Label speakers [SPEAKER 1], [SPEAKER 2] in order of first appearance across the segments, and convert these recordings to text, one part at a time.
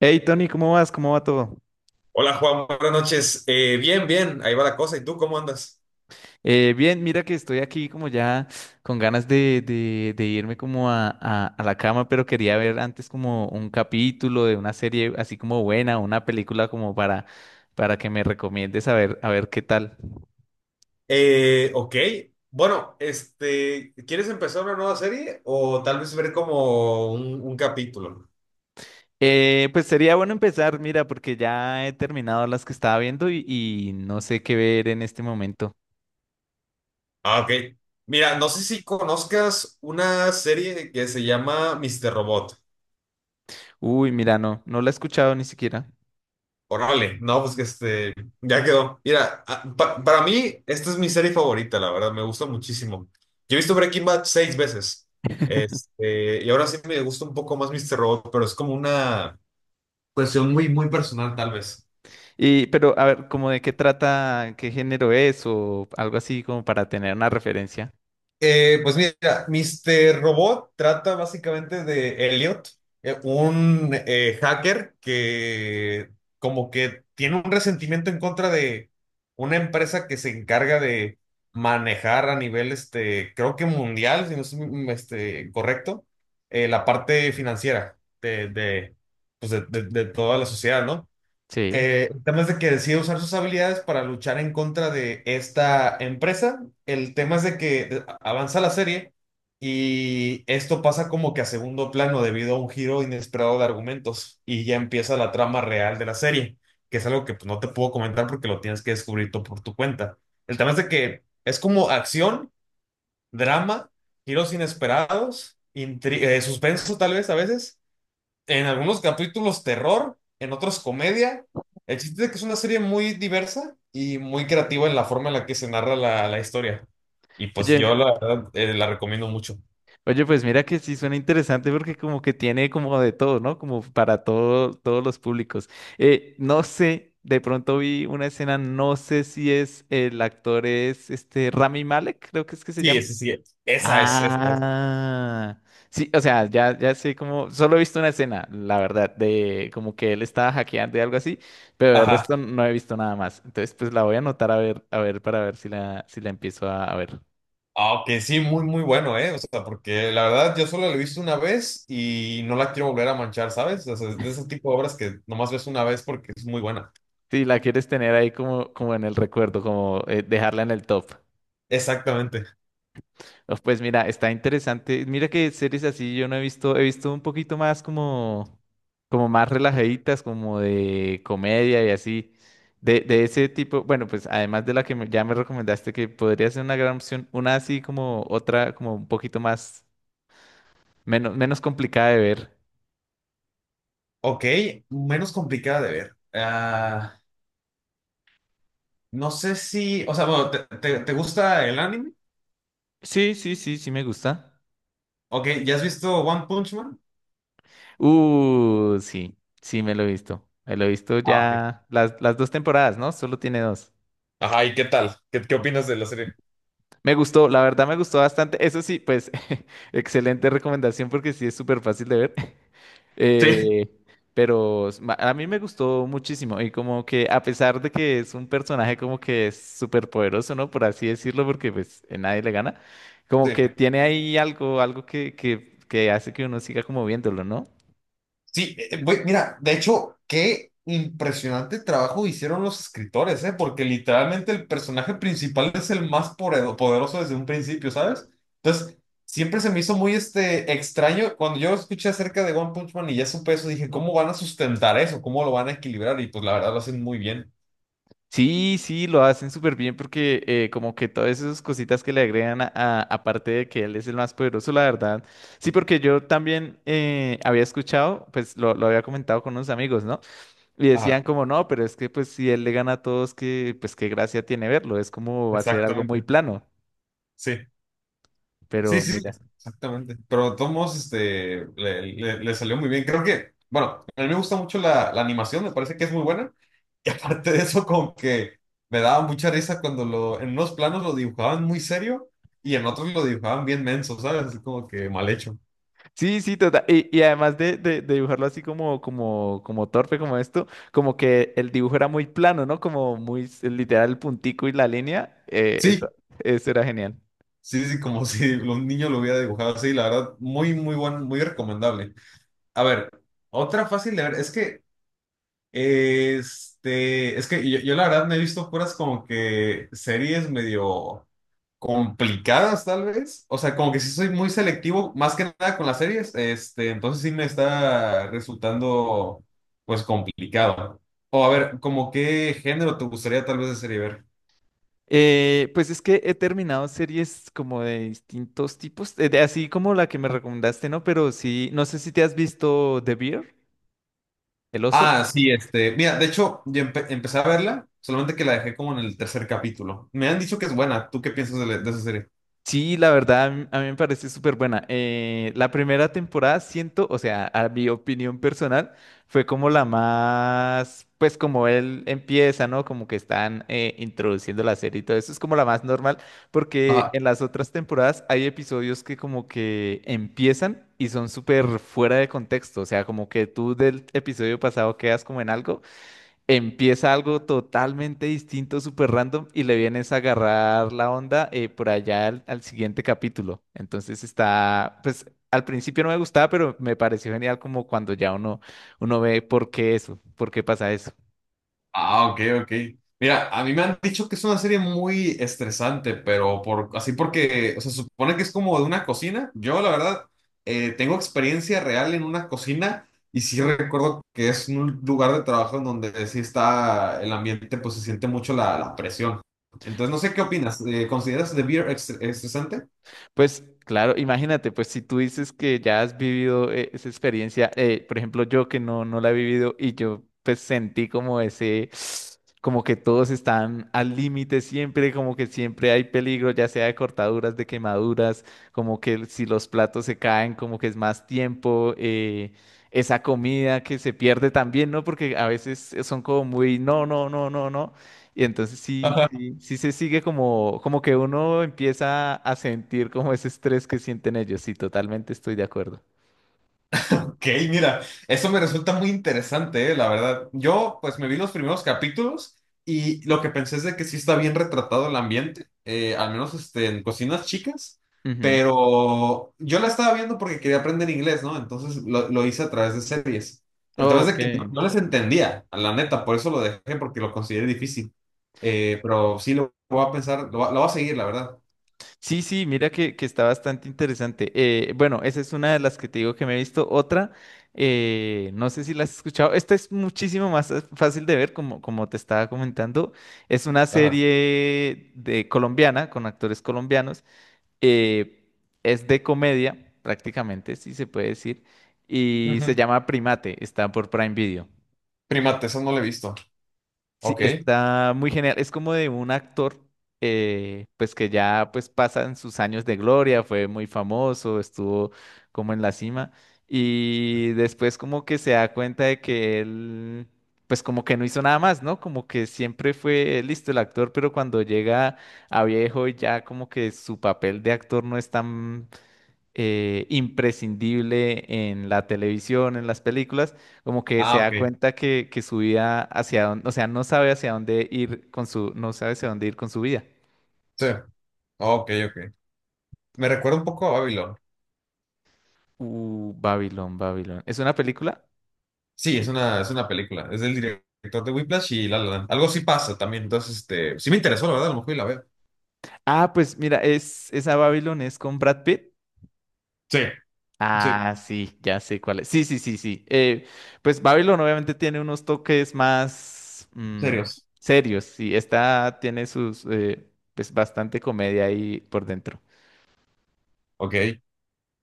[SPEAKER 1] Hey Tony, ¿cómo vas? ¿Cómo va todo?
[SPEAKER 2] Hola Juan, buenas noches. Bien, ahí va la cosa. ¿Y tú cómo andas?
[SPEAKER 1] Bien, mira que estoy aquí como ya con ganas de irme como a la cama, pero quería ver antes como un capítulo de una serie así como buena, una película como para que me recomiendes a ver qué tal.
[SPEAKER 2] Ok, bueno, este, ¿quieres empezar una nueva serie o tal vez ver como un capítulo?
[SPEAKER 1] Pues sería bueno empezar, mira, porque ya he terminado las que estaba viendo y no sé qué ver en este momento.
[SPEAKER 2] Ah, ok. Mira, no sé si conozcas una serie que se llama Mr. Robot.
[SPEAKER 1] Uy, mira, no, no la he escuchado ni siquiera.
[SPEAKER 2] Órale, no, pues que este, ya quedó. Mira, para mí esta es mi serie favorita, la verdad, me gusta muchísimo. Yo he visto Breaking Bad seis veces. Este, y ahora sí me gusta un poco más Mr. Robot, pero es como una cuestión muy, muy personal, tal vez.
[SPEAKER 1] Y, pero, a ver, como de qué trata, ¿qué género es o algo así como para tener una referencia?
[SPEAKER 2] Pues mira, Mr. Robot trata básicamente de Elliot, un hacker que como que tiene un resentimiento en contra de una empresa que se encarga de manejar a nivel, este, creo que mundial, si no es este, correcto, la parte financiera pues de toda la sociedad, ¿no?
[SPEAKER 1] Sí.
[SPEAKER 2] El tema es de que decide usar sus habilidades para luchar en contra de esta empresa. El tema es de que avanza la serie y esto pasa como que a segundo plano debido a un giro inesperado de argumentos y ya empieza la trama real de la serie, que es algo que, pues, no te puedo comentar porque lo tienes que descubrir tú por tu cuenta. El tema es de que es como acción, drama, giros inesperados, suspenso tal vez, a veces en algunos capítulos terror, en otros comedia. El chiste es que es una serie muy diversa y muy creativa en la forma en la que se narra la historia. Y pues yo
[SPEAKER 1] Oye,
[SPEAKER 2] la verdad la recomiendo mucho.
[SPEAKER 1] oye, pues mira que sí suena interesante porque como que tiene como de todo, ¿no? Como para todo, todos los públicos. No sé, de pronto vi una escena, no sé si es el actor es este Rami Malek, creo que es que se
[SPEAKER 2] Sí,
[SPEAKER 1] llama.
[SPEAKER 2] sí, sí, esa es, esa es.
[SPEAKER 1] Ah, sí, o sea, ya, ya sé como, solo he visto una escena, la verdad, de como que él estaba hackeando y algo así, pero el
[SPEAKER 2] Ajá.
[SPEAKER 1] resto no he visto nada más. Entonces, pues la voy a anotar a ver, para ver si la empiezo a ver.
[SPEAKER 2] Aunque sí, muy, muy bueno, ¿eh? O sea, porque la verdad yo solo la he visto una vez y no la quiero volver a manchar, ¿sabes? O sea, es de ese tipo de obras que nomás ves una vez porque es muy buena.
[SPEAKER 1] Si la quieres tener ahí como, como en el recuerdo, como dejarla en el top.
[SPEAKER 2] Exactamente.
[SPEAKER 1] Oh, pues mira, está interesante. Mira que series así yo no he visto, he visto un poquito más como, como más relajaditas, como de comedia y así, de ese tipo. Bueno, pues además de la que ya me recomendaste que podría ser una gran opción, una así como otra, como un poquito más, menos, menos complicada de ver.
[SPEAKER 2] Ok, menos complicada de ver. No sé si, o sea, bueno, te gusta el anime?
[SPEAKER 1] Sí, sí, sí, sí me gusta.
[SPEAKER 2] Ok, ¿ya has visto One Punch Man?
[SPEAKER 1] Sí, sí me lo he visto. Me lo he visto
[SPEAKER 2] Ah, ok.
[SPEAKER 1] ya las dos temporadas, ¿no? Solo tiene dos.
[SPEAKER 2] Ajá, ¿y qué tal? ¿Qué opinas de la serie?
[SPEAKER 1] Me gustó, la verdad me gustó bastante. Eso sí, pues, excelente recomendación porque sí es súper fácil de ver.
[SPEAKER 2] Sí.
[SPEAKER 1] Eh, pero a mí me gustó muchísimo y como que a pesar de que es un personaje como que es súper poderoso, ¿no? Por así decirlo, porque pues nadie le gana, como
[SPEAKER 2] Sí.
[SPEAKER 1] que tiene ahí algo, algo que hace que uno siga como viéndolo, ¿no?
[SPEAKER 2] Sí, güey, mira, de hecho, qué impresionante trabajo hicieron los escritores, ¿eh? Porque literalmente el personaje principal es el más poderoso desde un principio, ¿sabes? Entonces, siempre se me hizo muy este, extraño. Cuando yo escuché acerca de One Punch Man y ya supe eso, dije, ¿cómo van a sustentar eso? ¿Cómo lo van a equilibrar? Y pues la verdad lo hacen muy bien.
[SPEAKER 1] Sí, sí, lo hacen súper bien porque como que todas esas cositas que le agregan aparte de que él es el más poderoso, la verdad. Sí, porque yo también había escuchado, pues lo había comentado con unos amigos, ¿no? Y decían
[SPEAKER 2] Ajá,
[SPEAKER 1] como, no, pero es que pues si él le gana a todos, que pues qué gracia tiene verlo, es como va a ser algo muy
[SPEAKER 2] exactamente.
[SPEAKER 1] plano,
[SPEAKER 2] Sí, sí,
[SPEAKER 1] pero
[SPEAKER 2] sí,
[SPEAKER 1] mira.
[SPEAKER 2] exactamente. Pero de todos modos, este, le salió muy bien. Creo que, bueno, a mí me gusta mucho la animación, me parece que es muy buena. Y aparte de eso, como que me daba mucha risa cuando en unos planos lo dibujaban muy serio y en otros lo dibujaban bien menso, ¿sabes? Así como que mal hecho.
[SPEAKER 1] Sí, sí, total. Y además de dibujarlo así como, como, como torpe, como esto, como que el dibujo era muy plano, ¿no? Como muy literal el puntico y la línea.
[SPEAKER 2] Sí,
[SPEAKER 1] Eso era genial.
[SPEAKER 2] sí, sí, como si un niño lo hubiera dibujado así. La verdad, muy, muy buen, muy recomendable. A ver, otra fácil de ver, es que... Este, es que yo la verdad me he visto puras como que series medio complicadas, tal vez. O sea, como que sí soy muy selectivo, más que nada con las series. Este, entonces sí me está resultando, pues, complicado. O a ver, como qué género te gustaría tal vez de serie ver.
[SPEAKER 1] Pues es que he terminado series como de distintos tipos, así como la que me recomendaste, ¿no? Pero sí, no sé si te has visto The Bear, el oso.
[SPEAKER 2] Ah, sí, este. Mira, de hecho, yo empecé a verla, solamente que la dejé como en el tercer capítulo. Me han dicho que es buena. ¿Tú qué piensas de esa serie?
[SPEAKER 1] Sí, la verdad, a mí me parece súper buena. La primera temporada siento, o sea, a mi opinión personal, fue como la más, pues como él empieza, ¿no? Como que están introduciendo la serie y todo eso, es como la más normal, porque
[SPEAKER 2] Ajá.
[SPEAKER 1] en las otras temporadas hay episodios que como que empiezan y son súper fuera de contexto, o sea, como que tú del episodio pasado quedas como en algo, empieza algo totalmente distinto, súper random, y le vienes a agarrar la onda por allá al siguiente capítulo. Entonces está, pues al principio no me gustaba, pero me pareció genial como cuando ya uno ve por qué eso, por qué pasa eso.
[SPEAKER 2] Ah, ok, ok. Mira, a mí me han dicho que es una serie muy estresante, pero así porque, o sea, supone que es como de una cocina. Yo, la verdad, tengo experiencia real en una cocina y sí recuerdo que es un lugar de trabajo en donde sí está el ambiente, pues se siente mucho la presión. Entonces, no sé qué opinas. ¿Consideras The Beer estresante?
[SPEAKER 1] Pues claro, imagínate, pues si tú dices que ya has vivido esa experiencia, por ejemplo, yo que no, no la he vivido y yo pues sentí como ese, como que todos están al límite siempre, como que siempre hay peligro, ya sea de cortaduras, de quemaduras, como que si los platos se caen, como que es más tiempo, esa comida que se pierde también, ¿no? Porque a veces son como muy, no, no, no, no, no. Y entonces sí, sí, sí se sigue como, como que uno empieza a sentir como ese estrés que sienten ellos. Sí, totalmente estoy de acuerdo.
[SPEAKER 2] Ok, mira, eso me resulta muy interesante, la verdad. Yo, pues, me vi los primeros capítulos y lo que pensé es de que sí está bien retratado el ambiente, al menos este, en cocinas chicas,
[SPEAKER 1] Ujú.
[SPEAKER 2] pero yo la estaba viendo porque quería aprender inglés, ¿no? Entonces lo hice a través de series. El tema es
[SPEAKER 1] Ok.
[SPEAKER 2] de que no, no les entendía, a la neta, por eso lo dejé, porque lo consideré difícil. Pero sí lo voy a pensar, lo voy a seguir, la verdad.
[SPEAKER 1] Sí, sí, mira que está bastante interesante. Bueno, esa es una de las que te digo que me he visto. Otra, no sé si la has escuchado. Esta es muchísimo más fácil de ver, como, como te estaba comentando. Es una
[SPEAKER 2] Ajá.
[SPEAKER 1] serie de colombiana, con actores colombianos. Eh, es de comedia, prácticamente, si se puede decir, y se
[SPEAKER 2] Ujú.
[SPEAKER 1] llama Primate, está por Prime Video.
[SPEAKER 2] Primate, eso no lo he visto.
[SPEAKER 1] Sí,
[SPEAKER 2] Ok.
[SPEAKER 1] está muy genial, es como de un actor, pues que ya pues pasan sus años de gloria, fue muy famoso, estuvo como en la cima, y después como que se da cuenta de que él, pues como que no hizo nada más, ¿no? Como que siempre fue listo el actor, pero cuando llega a viejo y ya como que su papel de actor no es tan imprescindible en la televisión, en las películas, como que se
[SPEAKER 2] Ah,
[SPEAKER 1] da
[SPEAKER 2] ok.
[SPEAKER 1] cuenta que su vida hacia dónde, o sea, no sabe hacia dónde ir con su, no sabe hacia dónde ir con su vida.
[SPEAKER 2] Sí. Ok, ok. Me recuerda un poco a Babylon.
[SPEAKER 1] Babylon, Babylon. ¿Es una película?
[SPEAKER 2] Sí, es una película. Es del director de Whiplash y La La Land. Algo sí pasa también. Entonces, este, sí me interesó, la verdad, a lo mejor y la veo.
[SPEAKER 1] Ah, pues mira, es esa Babylon es con Brad Pitt.
[SPEAKER 2] Sí, sí,
[SPEAKER 1] Ah, sí, ya sé cuál es. Sí, sí, sí, sí. Pues Babylon obviamente tiene unos toques más
[SPEAKER 2] serios.
[SPEAKER 1] serios. Sí, esta tiene sus, pues bastante comedia ahí por dentro.
[SPEAKER 2] Ok.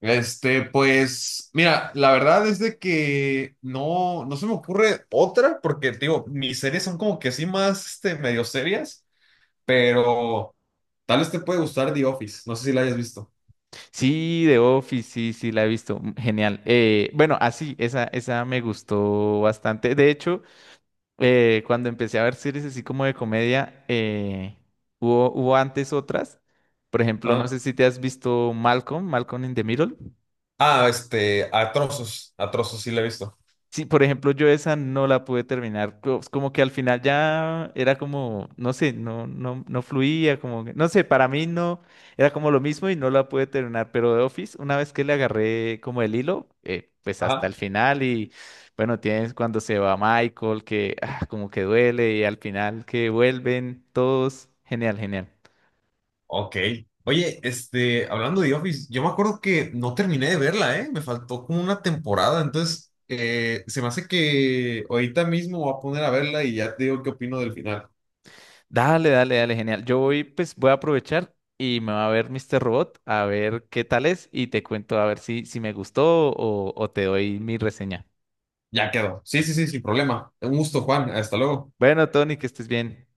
[SPEAKER 2] Este, pues, mira, la verdad es de que no, no se me ocurre otra, porque, te digo, mis series son como que sí más, este, medio serias, pero tal vez te puede gustar The Office, no sé si la hayas visto.
[SPEAKER 1] Sí, The Office, sí, sí, la he visto. Genial. Bueno, así, esa me gustó bastante. De hecho, cuando empecé a ver series así como de comedia, hubo antes otras. Por ejemplo, no
[SPEAKER 2] Ah,
[SPEAKER 1] sé si te has visto Malcolm, Malcolm in the Middle.
[SPEAKER 2] este, a trozos sí la he visto.
[SPEAKER 1] Sí, por ejemplo, yo esa no la pude terminar. Como que al final ya era como, no sé, no, no, no fluía, no sé, para mí no, era como lo mismo y no la pude terminar. Pero de Office, una vez que le agarré como el hilo, pues hasta el
[SPEAKER 2] Ajá.
[SPEAKER 1] final y bueno, tienes cuando se va Michael, que ah, como que duele y al final que vuelven todos, genial, genial.
[SPEAKER 2] Ok. Oye, este, hablando de Office, yo me acuerdo que no terminé de verla, ¿eh? Me faltó como una temporada, entonces se me hace que ahorita mismo voy a poner a verla y ya te digo qué opino del final.
[SPEAKER 1] Dale, dale, dale, genial. Yo voy, pues voy a aprovechar y me va a ver Mr. Robot a ver qué tal es y te cuento a ver si, si me gustó o te doy mi reseña.
[SPEAKER 2] Ya quedó. Sí, sí, sí, sin problema. Un gusto, Juan. Hasta luego.
[SPEAKER 1] Bueno, Tony, que estés bien.